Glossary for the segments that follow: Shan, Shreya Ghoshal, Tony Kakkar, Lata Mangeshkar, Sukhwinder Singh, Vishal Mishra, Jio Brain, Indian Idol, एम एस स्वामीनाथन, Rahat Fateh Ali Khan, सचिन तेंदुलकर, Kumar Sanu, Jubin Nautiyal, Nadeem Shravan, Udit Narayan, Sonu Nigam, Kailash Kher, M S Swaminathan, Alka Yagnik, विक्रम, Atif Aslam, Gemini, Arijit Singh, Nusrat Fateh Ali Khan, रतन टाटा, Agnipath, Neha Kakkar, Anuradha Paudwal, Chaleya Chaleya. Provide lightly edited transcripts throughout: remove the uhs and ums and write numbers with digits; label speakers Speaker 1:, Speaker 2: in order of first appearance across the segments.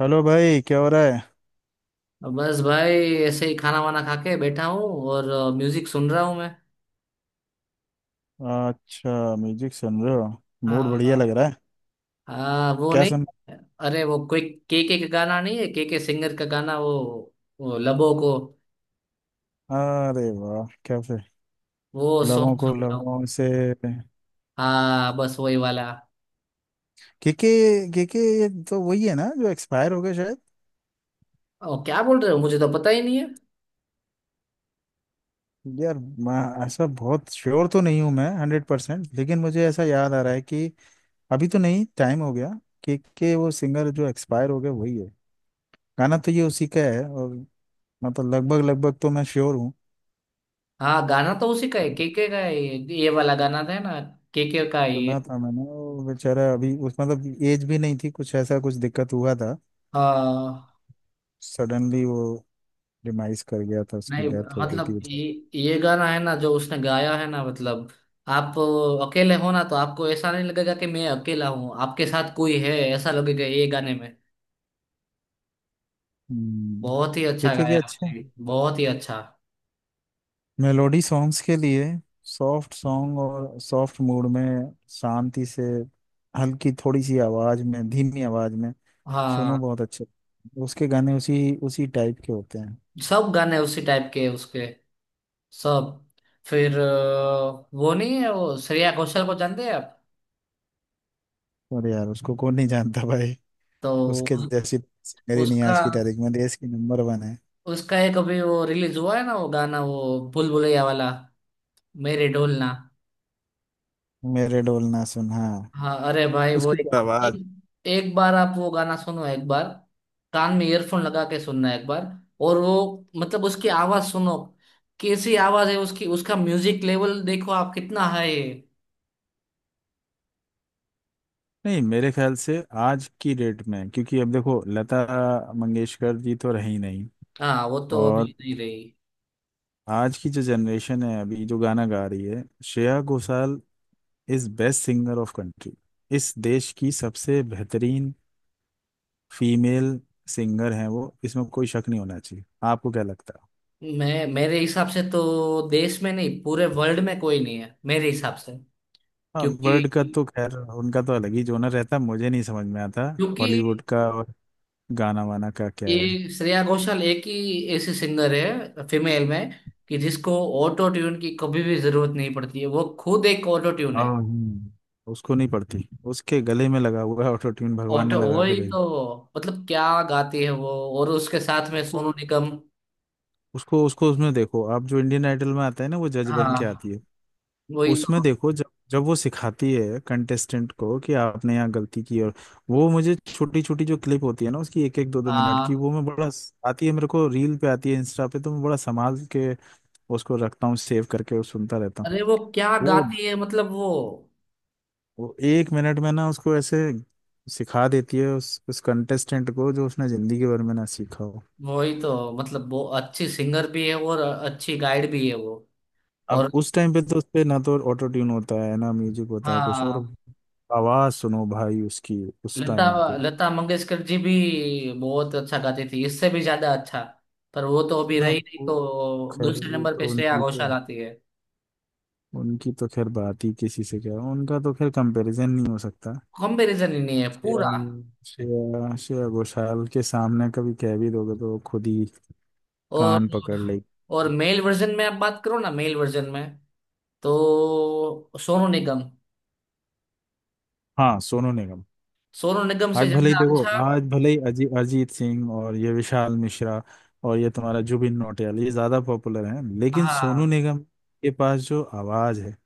Speaker 1: Hello भाई, क्या हो रहा है?
Speaker 2: तो बस भाई ऐसे ही खाना वाना खा के बैठा हूँ और म्यूजिक सुन रहा हूँ मैं।
Speaker 1: अच्छा, म्यूजिक सुन रहे हो? मूड बढ़िया
Speaker 2: हाँ।
Speaker 1: लग रहा है।
Speaker 2: हाँ वो
Speaker 1: क्या
Speaker 2: नहीं।
Speaker 1: सुन?
Speaker 2: अरे वो कोई के का गाना नहीं है, के सिंगर का गाना। वो लबो को,
Speaker 1: अरे वाह, क्या फिर!
Speaker 2: वो
Speaker 1: लबों
Speaker 2: सॉन्ग
Speaker 1: को
Speaker 2: सुन रहा हूँ।
Speaker 1: लबों से।
Speaker 2: हाँ बस वही वाला।
Speaker 1: क्योंकि क्योंकि ये तो वही है ना जो एक्सपायर हो गए शायद।
Speaker 2: क्या बोल रहे हो, मुझे तो पता ही नहीं है।
Speaker 1: यार, मैं ऐसा बहुत श्योर तो नहीं हूँ मैं हंड्रेड परसेंट, लेकिन मुझे ऐसा याद आ रहा है कि अभी तो नहीं, टाइम हो गया के वो सिंगर जो एक्सपायर हो गए वही है। गाना तो ये उसी का है, और मतलब लगभग लगभग तो मैं श्योर हूँ।
Speaker 2: हाँ गाना तो उसी का है, के का है, ये वाला गाना था ना, के का ही है।
Speaker 1: सुना था मैंने, वो बेचारा अभी, उस मतलब एज भी नहीं थी, कुछ ऐसा, कुछ दिक्कत हुआ था।
Speaker 2: हाँ।
Speaker 1: सडनली वो डिमाइस कर गया था, उसकी
Speaker 2: नहीं,
Speaker 1: डेथ हो गई थी
Speaker 2: मतलब
Speaker 1: बेचारा।
Speaker 2: ये गाना है ना जो उसने गाया है ना, मतलब आप अकेले हो ना, तो आपको ऐसा नहीं लगेगा कि मैं अकेला हूँ, आपके साथ कोई है ऐसा लगेगा ये गाने में।
Speaker 1: हम्म।
Speaker 2: बहुत ही अच्छा
Speaker 1: देखिए कि
Speaker 2: गाया
Speaker 1: अच्छे
Speaker 2: आपने, बहुत ही अच्छा।
Speaker 1: मेलोडी सॉन्ग्स के लिए, सॉफ्ट सॉन्ग और सॉफ्ट मूड में, शांति से, हल्की थोड़ी सी आवाज में, धीमी आवाज में
Speaker 2: हाँ
Speaker 1: सुनो, बहुत अच्छे। उसके गाने उसी उसी टाइप के होते हैं।
Speaker 2: सब गाने उसी टाइप के हैं उसके, सब। फिर वो नहीं है वो, श्रेया घोषाल को जानते हैं आप?
Speaker 1: और यार, उसको कौन नहीं जानता भाई!
Speaker 2: तो
Speaker 1: उसके जैसी सिंगर ही नहीं
Speaker 2: उसका
Speaker 1: आज की तारीख में, देश की नंबर वन है।
Speaker 2: उसका एक अभी वो रिलीज हुआ है ना, वो गाना, वो भूल भुलैया वाला, मेरे ढोलना।
Speaker 1: मेरे डोल ना सुन, हाँ।
Speaker 2: हाँ अरे भाई वो
Speaker 1: उसकी तो
Speaker 2: एक,
Speaker 1: आवाज!
Speaker 2: एक बार आप वो गाना सुनो एक बार, कान में ईयरफोन लगा के सुनना एक बार। और वो, मतलब उसकी आवाज सुनो, कैसी आवाज है उसकी, उसका म्यूजिक लेवल देखो आप कितना हाई है।
Speaker 1: नहीं, मेरे ख्याल से आज की डेट में, क्योंकि अब देखो, लता मंगेशकर जी तो रही नहीं।
Speaker 2: हाँ वो तो अभी
Speaker 1: और
Speaker 2: नहीं रही।
Speaker 1: आज की जो जनरेशन है, अभी जो गाना गा रही है, Shreya Ghoshal is best singer of country. इस देश की सबसे बेहतरीन फीमेल सिंगर हैं वो, इसमें कोई शक नहीं होना चाहिए। आपको क्या लगता है?
Speaker 2: मैं, मेरे हिसाब से तो देश में नहीं, पूरे वर्ल्ड में कोई नहीं है मेरे हिसाब से।
Speaker 1: हाँ, वर्ल्ड का
Speaker 2: क्योंकि
Speaker 1: तो खैर उनका तो अलग ही जोनर रहता, मुझे नहीं समझ में आता
Speaker 2: क्योंकि
Speaker 1: हॉलीवुड का, और गाना वाना का क्या है।
Speaker 2: ये श्रेया घोषाल एक ही ऐसी सिंगर है फीमेल में, कि जिसको ऑटो ट्यून की कभी भी जरूरत नहीं पड़ती है, वो खुद एक ऑटो ट्यून
Speaker 1: हाँ।
Speaker 2: है।
Speaker 1: उसको नहीं पड़ती, उसके गले में लगा हुआ है ऑटो ट्यून, भगवान ने
Speaker 2: ऑटो
Speaker 1: लगा के
Speaker 2: वही
Speaker 1: भेजा।
Speaker 2: तो, मतलब क्या गाती है वो। और उसके साथ में
Speaker 1: उसको
Speaker 2: सोनू निगम।
Speaker 1: उसको उसको उसमें देखो, आप जो इंडियन आइडल में आता है ना, वो जज बन के
Speaker 2: हाँ
Speaker 1: आती है।
Speaker 2: वही
Speaker 1: उसमें
Speaker 2: तो।
Speaker 1: देखो जब जब वो सिखाती है कंटेस्टेंट को कि आपने यहाँ गलती की, और वो मुझे छोटी छोटी जो क्लिप होती है ना उसकी, एक एक दो दो
Speaker 2: आ,
Speaker 1: मिनट की, वो मैं बड़ा आती है, मेरे को रील पे आती है, इंस्टा पे तो मैं बड़ा संभाल के उसको रखता हूँ, सेव करके, और सुनता रहता हूँ।
Speaker 2: अरे वो क्या
Speaker 1: वो
Speaker 2: गाती है, मतलब वो,
Speaker 1: वो एक मिनट में ना उसको ऐसे सिखा देती है उस कंटेस्टेंट को जो उसने जिंदगी भर में ना सीखा हो।
Speaker 2: वही तो। मतलब वो अच्छी सिंगर भी है और अच्छी गाइड भी है वो।
Speaker 1: अब
Speaker 2: और
Speaker 1: उस टाइम पे तो उस पे ना तो ऑटो ट्यून होता है ना म्यूजिक होता है, कुछ और,
Speaker 2: हाँ,
Speaker 1: आवाज सुनो भाई उसकी उस
Speaker 2: लता
Speaker 1: टाइम पे।
Speaker 2: लता मंगेशकर जी भी बहुत अच्छा गाती थी, इससे भी ज्यादा अच्छा। पर वो तो अभी
Speaker 1: ना,
Speaker 2: रही नहीं,
Speaker 1: वो
Speaker 2: तो
Speaker 1: खैर,
Speaker 2: दूसरे
Speaker 1: वो
Speaker 2: नंबर पे
Speaker 1: तो
Speaker 2: श्रेया
Speaker 1: उनकी तो,
Speaker 2: घोषाल आती है।
Speaker 1: उनकी तो खैर बात ही किसी से क्या, उनका तो खैर कंपैरिजन नहीं हो सकता।
Speaker 2: कंपैरिजन ही नहीं है
Speaker 1: श्रेया
Speaker 2: पूरा।
Speaker 1: श्रेया श्रेया घोषाल के सामने कभी कह भी दोगे तो वो खुद ही
Speaker 2: और
Speaker 1: कान पकड़ लेगी।
Speaker 2: और मेल वर्जन में आप बात करो ना, मेल वर्जन में तो सोनू निगम,
Speaker 1: हाँ, सोनू निगम।
Speaker 2: सोनू निगम से
Speaker 1: आज भले ही
Speaker 2: ज्यादा अच्छा।
Speaker 1: देखो, आज भले ही अरिजीत सिंह और ये विशाल मिश्रा और ये तुम्हारा जुबिन नौटियाल, ये ज्यादा पॉपुलर हैं, लेकिन
Speaker 2: हाँ
Speaker 1: सोनू निगम के पास जो आवाज है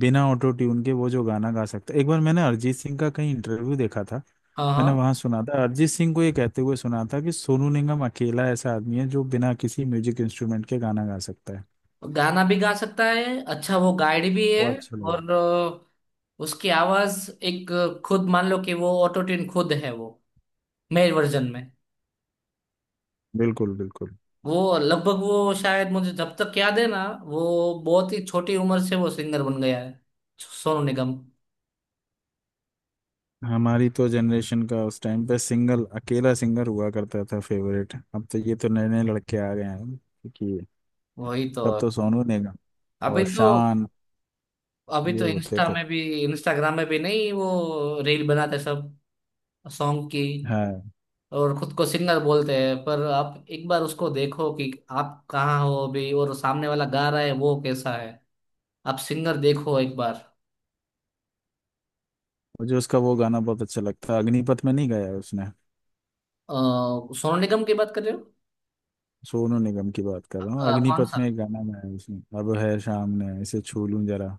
Speaker 1: बिना ऑटो ट्यून के, वो जो गाना गा सकता है। एक बार मैंने अरिजीत सिंह का कहीं इंटरव्यू देखा था,
Speaker 2: हाँ।
Speaker 1: मैंने
Speaker 2: हाँ
Speaker 1: वहां सुना था अरिजीत सिंह को ये कहते हुए सुना था कि सोनू निगम अकेला ऐसा आदमी है जो बिना किसी म्यूजिक इंस्ट्रूमेंट के गाना गा सकता है।
Speaker 2: गाना भी गा सकता है। अच्छा वो गाइड भी है।
Speaker 1: वो अच्छा लगे।
Speaker 2: और उसकी आवाज एक, खुद मान लो कि वो ऑटो ट्यून खुद है वो, मेल वर्जन में।
Speaker 1: बिल्कुल बिल्कुल।
Speaker 2: वो लगभग वो शायद मुझे जब तक याद है ना, वो बहुत ही छोटी उम्र से वो सिंगर बन गया है, सोनू निगम।
Speaker 1: हमारी तो जनरेशन का उस टाइम पे सिंगल अकेला सिंगर हुआ करता था फेवरेट, अब तो ये तो नए नए लड़के आ गए हैं क्योंकि,
Speaker 2: वही तो।
Speaker 1: तब तो सोनू निगम
Speaker 2: अभी
Speaker 1: और
Speaker 2: तो,
Speaker 1: शान
Speaker 2: अभी
Speaker 1: ये
Speaker 2: तो
Speaker 1: होते
Speaker 2: इंस्टा
Speaker 1: थे।
Speaker 2: में भी, इंस्टाग्राम में भी नहीं, वो रील बनाते सब सॉन्ग की
Speaker 1: हाँ,
Speaker 2: और खुद को सिंगर बोलते हैं। पर आप एक बार उसको देखो कि आप कहाँ हो अभी, और सामने वाला गा रहा है वो कैसा है। आप सिंगर देखो एक बार।
Speaker 1: मुझे उसका वो गाना बहुत अच्छा लगता है, अग्निपथ में नहीं गाया है उसने?
Speaker 2: अ, सोनू निगम की बात कर रहे हो?
Speaker 1: सोनू निगम की बात कर रहा हूँ,
Speaker 2: अ, कौन
Speaker 1: अग्निपथ
Speaker 2: सा?
Speaker 1: में एक गाना गाया है उसने, अब है शाम ने इसे छू लूं जरा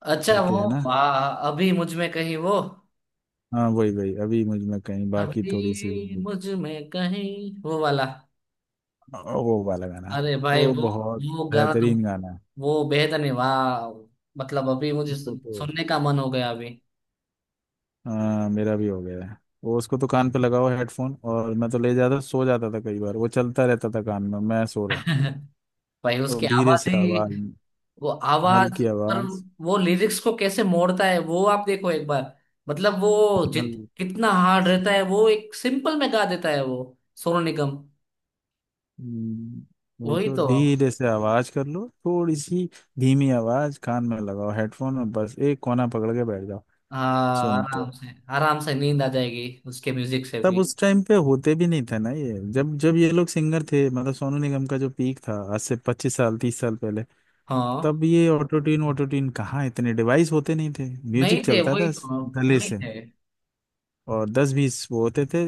Speaker 2: अच्छा
Speaker 1: करके है
Speaker 2: वो,
Speaker 1: ना,
Speaker 2: हाँ हाँ, अभी मुझ में कहीं वो,
Speaker 1: हाँ वही वही, अभी मुझ में कहीं बाकी थोड़ी सी
Speaker 2: अभी
Speaker 1: जिंदगी।
Speaker 2: मुझ में कहीं वो वाला।
Speaker 1: वो वाला गाना,
Speaker 2: अरे भाई
Speaker 1: वो
Speaker 2: वो
Speaker 1: बहुत
Speaker 2: वो गाना तो,
Speaker 1: बेहतरीन गाना है।
Speaker 2: वो बेहद, नहीं वाह, मतलब अभी मुझे
Speaker 1: उसको तो,
Speaker 2: सुनने का मन हो गया अभी।
Speaker 1: हाँ मेरा भी हो गया है। वो उसको तो कान पे लगाओ हेडफोन, और मैं तो ले जाता सो जाता था कई बार, वो चलता रहता था कान में, मैं सो रहा हूँ।
Speaker 2: भाई
Speaker 1: और
Speaker 2: उसकी
Speaker 1: धीरे
Speaker 2: आवाज
Speaker 1: से
Speaker 2: ही,
Speaker 1: आवाज,
Speaker 2: वो आवाज।
Speaker 1: हल्की
Speaker 2: पर
Speaker 1: आवाज।
Speaker 2: वो लिरिक्स को कैसे मोड़ता है वो, आप देखो एक बार। मतलब वो,
Speaker 1: हल
Speaker 2: जित कितना हार्ड रहता है, वो एक सिंपल में गा देता है वो सोनू निगम।
Speaker 1: हम्म, वही
Speaker 2: वही
Speaker 1: तो,
Speaker 2: तो।
Speaker 1: धीरे से आवाज कर लो थोड़ी सी, धीमी आवाज कान में लगाओ हेडफोन, और बस एक कोना पकड़ के बैठ जाओ,
Speaker 2: हाँ
Speaker 1: सुनते
Speaker 2: आराम
Speaker 1: रहो।
Speaker 2: से। आराम से नींद आ जाएगी उसके म्यूजिक से
Speaker 1: तब
Speaker 2: भी।
Speaker 1: उस टाइम पे होते भी नहीं था ना ये, जब जब ये लोग सिंगर थे, मतलब सोनू निगम का जो पीक था, आज से पच्चीस साल तीस साल पहले,
Speaker 2: हाँ
Speaker 1: तब ये ऑटो ट्यून कहाँ, इतने डिवाइस होते नहीं थे।
Speaker 2: नहीं
Speaker 1: म्यूजिक
Speaker 2: थे,
Speaker 1: चलता
Speaker 2: वही
Speaker 1: था
Speaker 2: तो,
Speaker 1: गले
Speaker 2: नहीं
Speaker 1: से,
Speaker 2: थे।
Speaker 1: और दस बीस वो होते थे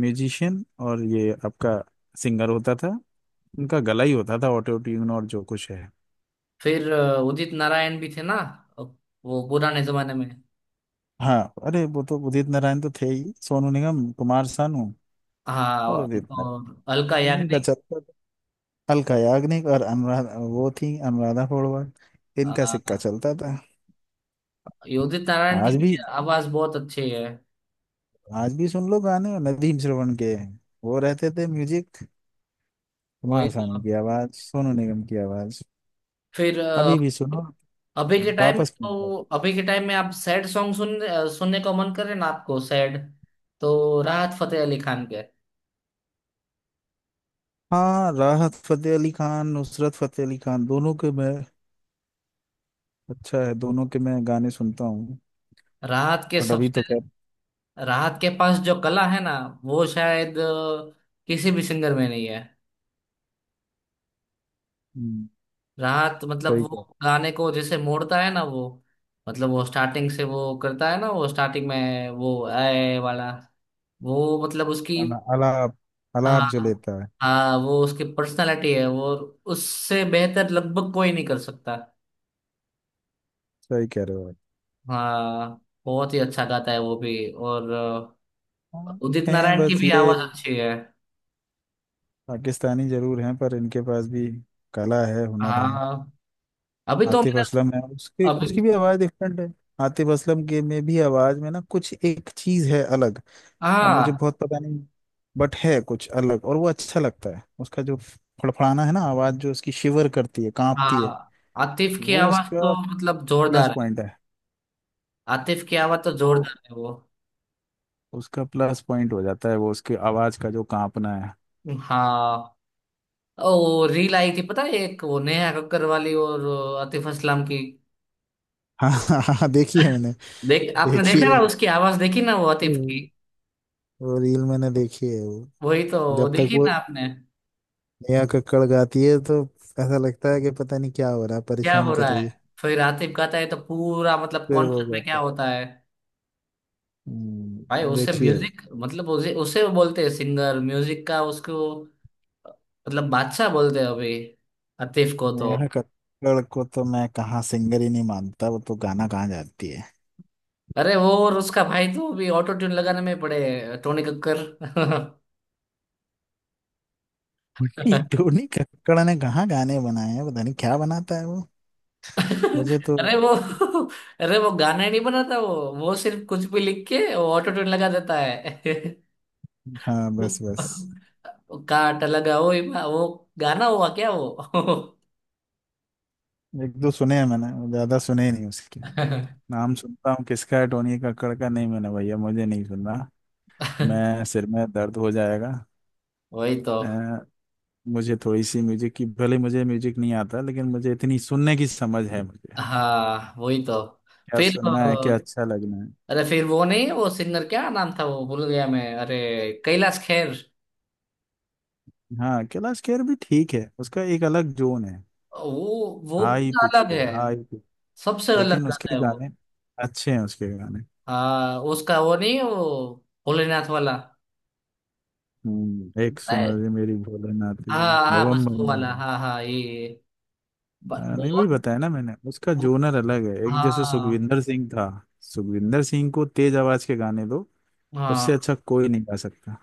Speaker 1: म्यूजिशियन, और ये आपका सिंगर होता था, उनका गला ही होता था ऑटो ट्यून और जो कुछ है।
Speaker 2: फिर उदित नारायण भी थे ना, अ, वो पुराने जमाने में।
Speaker 1: हाँ, अरे वो तो उदित नारायण तो थे ही, सोनू निगम, कुमार सानू
Speaker 2: हाँ
Speaker 1: और
Speaker 2: और
Speaker 1: उदित नारायण,
Speaker 2: अलका
Speaker 1: इन्हीं का
Speaker 2: याग्निक।
Speaker 1: चलता था। अलका याग्निक और अनुराधा, वो थी अनुराधा पौडवाल,
Speaker 2: अ,
Speaker 1: इनका सिक्का चलता था।
Speaker 2: ये उदित नारायण की
Speaker 1: आज
Speaker 2: भी
Speaker 1: भी,
Speaker 2: आवाज बहुत अच्छी है।
Speaker 1: आज भी सुन लो गाने नदीम श्रवण के, वो रहते थे म्यूजिक,
Speaker 2: वही
Speaker 1: कुमार सानू
Speaker 2: तो।
Speaker 1: की आवाज, सोनू निगम की आवाज,
Speaker 2: फिर
Speaker 1: अभी भी सुनो,
Speaker 2: अभी के टाइम में
Speaker 1: वापस नहीं
Speaker 2: तो,
Speaker 1: जाते।
Speaker 2: अभी के टाइम में आप सैड सॉन्ग सुन, सुनने को मन करे ना आपको सैड, तो राहत फतेह अली खान के।
Speaker 1: हाँ, राहत फतेह अली खान, नुसरत फतेह अली खान, दोनों के मैं, अच्छा है, दोनों के मैं गाने सुनता हूँ।
Speaker 2: राहत के
Speaker 1: बट अभी तो
Speaker 2: सबसे,
Speaker 1: क्या।
Speaker 2: राहत के पास जो कला है ना, वो शायद किसी भी सिंगर में नहीं है।
Speaker 1: हम्म,
Speaker 2: राहत मतलब
Speaker 1: सही
Speaker 2: वो
Speaker 1: कह,
Speaker 2: गाने को जैसे मोड़ता है ना वो, मतलब वो स्टार्टिंग से वो करता है ना, वो स्टार्टिंग में वो आए वाला, वो मतलब उसकी।
Speaker 1: अलाप, अलाप जो
Speaker 2: हाँ।
Speaker 1: लेता है।
Speaker 2: हाँ वो उसकी पर्सनालिटी है वो, उससे बेहतर लगभग कोई नहीं कर सकता।
Speaker 1: सही कह रहे हो आप।
Speaker 2: हाँ बहुत ही अच्छा गाता है वो भी। और
Speaker 1: हाँ।
Speaker 2: उदित
Speaker 1: हैं
Speaker 2: नारायण की
Speaker 1: बस
Speaker 2: भी
Speaker 1: ये
Speaker 2: आवाज अच्छी है।
Speaker 1: पाकिस्तानी जरूर हैं, पर इनके पास भी कला है, हुनर है।
Speaker 2: हाँ। अभी तो
Speaker 1: आतिफ
Speaker 2: मेरा,
Speaker 1: असलम है, उसकी
Speaker 2: अभी।
Speaker 1: उसकी भी आवाज डिफरेंट है। आतिफ असलम के में भी आवाज में ना कुछ एक चीज है अलग। अब मुझे
Speaker 2: हाँ।
Speaker 1: बहुत पता नहीं, बट है कुछ अलग, और वो अच्छा लगता है उसका, जो फड़फड़ाना है ना आवाज, जो उसकी शिवर करती है, कांपती है।
Speaker 2: हाँ आतिफ की
Speaker 1: वो
Speaker 2: आवाज
Speaker 1: उसका
Speaker 2: तो मतलब
Speaker 1: प्लस
Speaker 2: जोरदार है,
Speaker 1: पॉइंट है।
Speaker 2: आतिफ की आवाज तो
Speaker 1: वो
Speaker 2: जोरदार है वो।
Speaker 1: उसका प्लस पॉइंट हो जाता है, वो उसकी आवाज का जो कांपना है।
Speaker 2: हाँ। ओ रील आई थी पता है एक, वो नेहा कक्कर वाली और आतिफ असलम की।
Speaker 1: हाँ, हाँ हाँ, देखी है मैंने।
Speaker 2: देख, आपने
Speaker 1: देखी
Speaker 2: देखा
Speaker 1: है
Speaker 2: ना उसकी आवाज, देखी ना वो
Speaker 1: वो
Speaker 2: आतिफ की।
Speaker 1: वो रील मैंने देखी है वो।
Speaker 2: वही तो, वो
Speaker 1: जब तक
Speaker 2: देखी
Speaker 1: वो
Speaker 2: ना आपने।
Speaker 1: नेहा कक्कड़ गाती है तो ऐसा लगता है कि पता नहीं क्या हो रहा है,
Speaker 2: क्या
Speaker 1: परेशान
Speaker 2: हो
Speaker 1: कर
Speaker 2: रहा
Speaker 1: रही
Speaker 2: है।
Speaker 1: है।
Speaker 2: फिर आतिफ गाता है तो पूरा मतलब
Speaker 1: फिर वो
Speaker 2: कॉन्सर्ट में क्या
Speaker 1: गाता है।
Speaker 2: होता है।
Speaker 1: हम्म,
Speaker 2: भाई उससे
Speaker 1: देखी है।
Speaker 2: म्यूजिक, मतलब उसे उसे वो बोलते हैं सिंगर म्यूजिक का उसको, मतलब बादशाह बोलते हैं अभी आतिफ को तो।
Speaker 1: नेहा कक्कड़ को तो मैं कहाँ सिंगर ही नहीं मानता, वो तो गाना कहाँ जाती है।
Speaker 2: अरे वो और उसका भाई तो अभी ऑटो ट्यून लगाने में पड़े हैं, टोनी कक्कर।
Speaker 1: उन्हीं धोनी कक्कड़ ने कहाँ गाने बनाए हैं, पता नहीं क्या बनाता है वो। मुझे तो,
Speaker 2: अरे वो, अरे वो गाना नहीं बनाता वो सिर्फ कुछ भी लिख के वो ऑटो ट्यून लगा देता है।
Speaker 1: हाँ,
Speaker 2: वो
Speaker 1: बस बस,
Speaker 2: वो काट लगा वो वो गाना हुआ क्या वो।
Speaker 1: एक दो सुने हैं मैंने, ज्यादा सुने ही नहीं उसके, नाम सुनता हूँ किसका है, टोनी कक्कड़ का? नहीं मैंने भैया, मुझे नहीं सुनना, मैं सिर में दर्द हो जाएगा।
Speaker 2: वही तो।
Speaker 1: अ, मुझे थोड़ी सी म्यूजिक की, भले मुझे म्यूजिक नहीं आता, लेकिन मुझे इतनी सुनने की समझ है मुझे,
Speaker 2: हाँ वही तो।
Speaker 1: क्या
Speaker 2: फिर
Speaker 1: सुनना है, क्या अच्छा लगना है।
Speaker 2: अरे फिर वो नहीं, वो सिंगर क्या नाम था, वो भूल गया मैं। अरे कैलाश खेर।
Speaker 1: हाँ कैलाश खेर भी ठीक है, उसका एक अलग जोन है।
Speaker 2: वो
Speaker 1: हाई
Speaker 2: पूरा
Speaker 1: पिच
Speaker 2: अलग
Speaker 1: पे,
Speaker 2: है,
Speaker 1: हाई पिच।
Speaker 2: सबसे अलग
Speaker 1: लेकिन उसके
Speaker 2: गाता है वो।
Speaker 1: गाने अच्छे हैं, उसके गाने।
Speaker 2: हाँ उसका वो नहीं, वो भोलेनाथ वाला।
Speaker 1: एक सुनो जी मेरी भोलेनाथ जी
Speaker 2: हाँ हाँ
Speaker 1: बबम
Speaker 2: बस वो
Speaker 1: बम बम।
Speaker 2: वाला, हाँ हाँ ये,
Speaker 1: हाँ, नहीं वही
Speaker 2: बहुत।
Speaker 1: बताया ना मैंने, उसका
Speaker 2: वो-,
Speaker 1: जोनर अलग है, एक जैसे
Speaker 2: हाँ।
Speaker 1: सुखविंदर सिंह था। सुखविंदर सिंह को तेज आवाज के गाने दो,
Speaker 2: हाँ
Speaker 1: उससे अच्छा कोई नहीं गा सकता,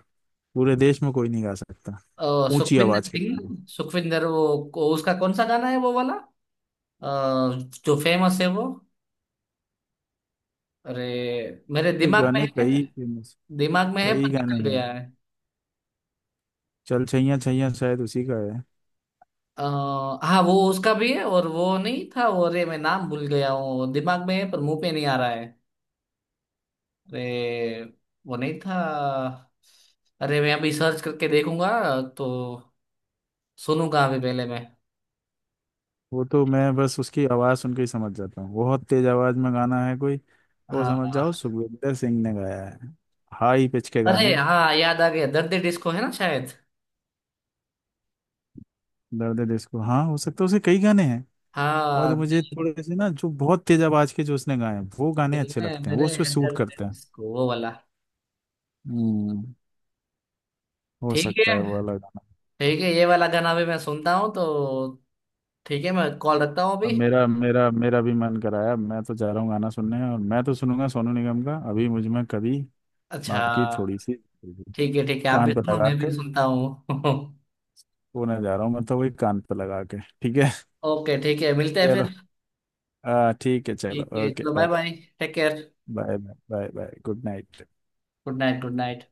Speaker 1: पूरे देश में कोई नहीं गा सकता। ऊंची आवाज
Speaker 2: सुखविंदर
Speaker 1: के
Speaker 2: सिंह
Speaker 1: गाने,
Speaker 2: ना? सुखविंदर वो उसका कौन सा गाना है वो वाला, अ, जो फेमस है वो। अरे मेरे
Speaker 1: उसके
Speaker 2: दिमाग में
Speaker 1: गाने
Speaker 2: है,
Speaker 1: कई फेमस,
Speaker 2: दिमाग में है
Speaker 1: कई
Speaker 2: पर
Speaker 1: गाने
Speaker 2: निकल
Speaker 1: हैं।
Speaker 2: गया है।
Speaker 1: चल छैया छैया शायद उसी का है।
Speaker 2: अ, हाँ वो उसका भी है, और वो नहीं था वो, अरे मैं नाम भूल गया हूँ, दिमाग में है पर मुंह पे नहीं आ रहा है। अरे वो नहीं था। अरे मैं अभी सर्च करके देखूंगा तो सुनूंगा अभी पहले मैं।
Speaker 1: वो तो मैं बस उसकी आवाज़ सुन के ही समझ जाता हूँ, बहुत तेज आवाज़ में गाना है कोई, वो
Speaker 2: हाँ
Speaker 1: समझ
Speaker 2: हाँ,
Speaker 1: जाओ
Speaker 2: हाँ।
Speaker 1: सुखविंदर सिंह ने गाया है। हाई पिच के
Speaker 2: अरे
Speaker 1: गाने।
Speaker 2: हाँ याद आ गया, दर्द डिस्को है ना शायद।
Speaker 1: दर्द है दिल को, हाँ हो सकता है, उसे कई गाने हैं।
Speaker 2: हाँ
Speaker 1: और मुझे थोड़े से ना जो बहुत तेज आवाज के जो उसने गाए हैं, वो गाने
Speaker 2: दिल
Speaker 1: अच्छे
Speaker 2: में
Speaker 1: लगते हैं, वो
Speaker 2: मेरे
Speaker 1: उस पर
Speaker 2: है
Speaker 1: सूट
Speaker 2: दर्द
Speaker 1: करते हैं।
Speaker 2: डिस्को, वो वाला।
Speaker 1: हम्म हो
Speaker 2: ठीक
Speaker 1: सकता
Speaker 2: है,
Speaker 1: है वो वाला गाना।
Speaker 2: ठीक है ये वाला गाना भी मैं सुनता हूँ तो। ठीक है मैं कॉल रखता हूँ
Speaker 1: अब
Speaker 2: अभी।
Speaker 1: मेरा मेरा मेरा भी मन कराया, मैं तो जा रहा हूँ गाना सुनने, और मैं तो सुनूंगा सोनू निगम का, अभी मुझ में कभी
Speaker 2: अच्छा
Speaker 1: बाकी थोड़ी सी,
Speaker 2: ठीक है। ठीक है आप भी
Speaker 1: कान पर
Speaker 2: सुनो,
Speaker 1: लगा
Speaker 2: मैं भी
Speaker 1: के।
Speaker 2: सुनता हूँ।
Speaker 1: पुणे जा रहा हूँ मैं, तो वही कान पे लगा के। ठीक है
Speaker 2: ओके ठीक है, मिलते हैं
Speaker 1: चलो,
Speaker 2: फिर।
Speaker 1: ठीक है चलो,
Speaker 2: ठीक है
Speaker 1: ओके
Speaker 2: चलो, bye
Speaker 1: bye,
Speaker 2: bye. Take care.
Speaker 1: Bye, bye, bye good night.
Speaker 2: Good night. Good night.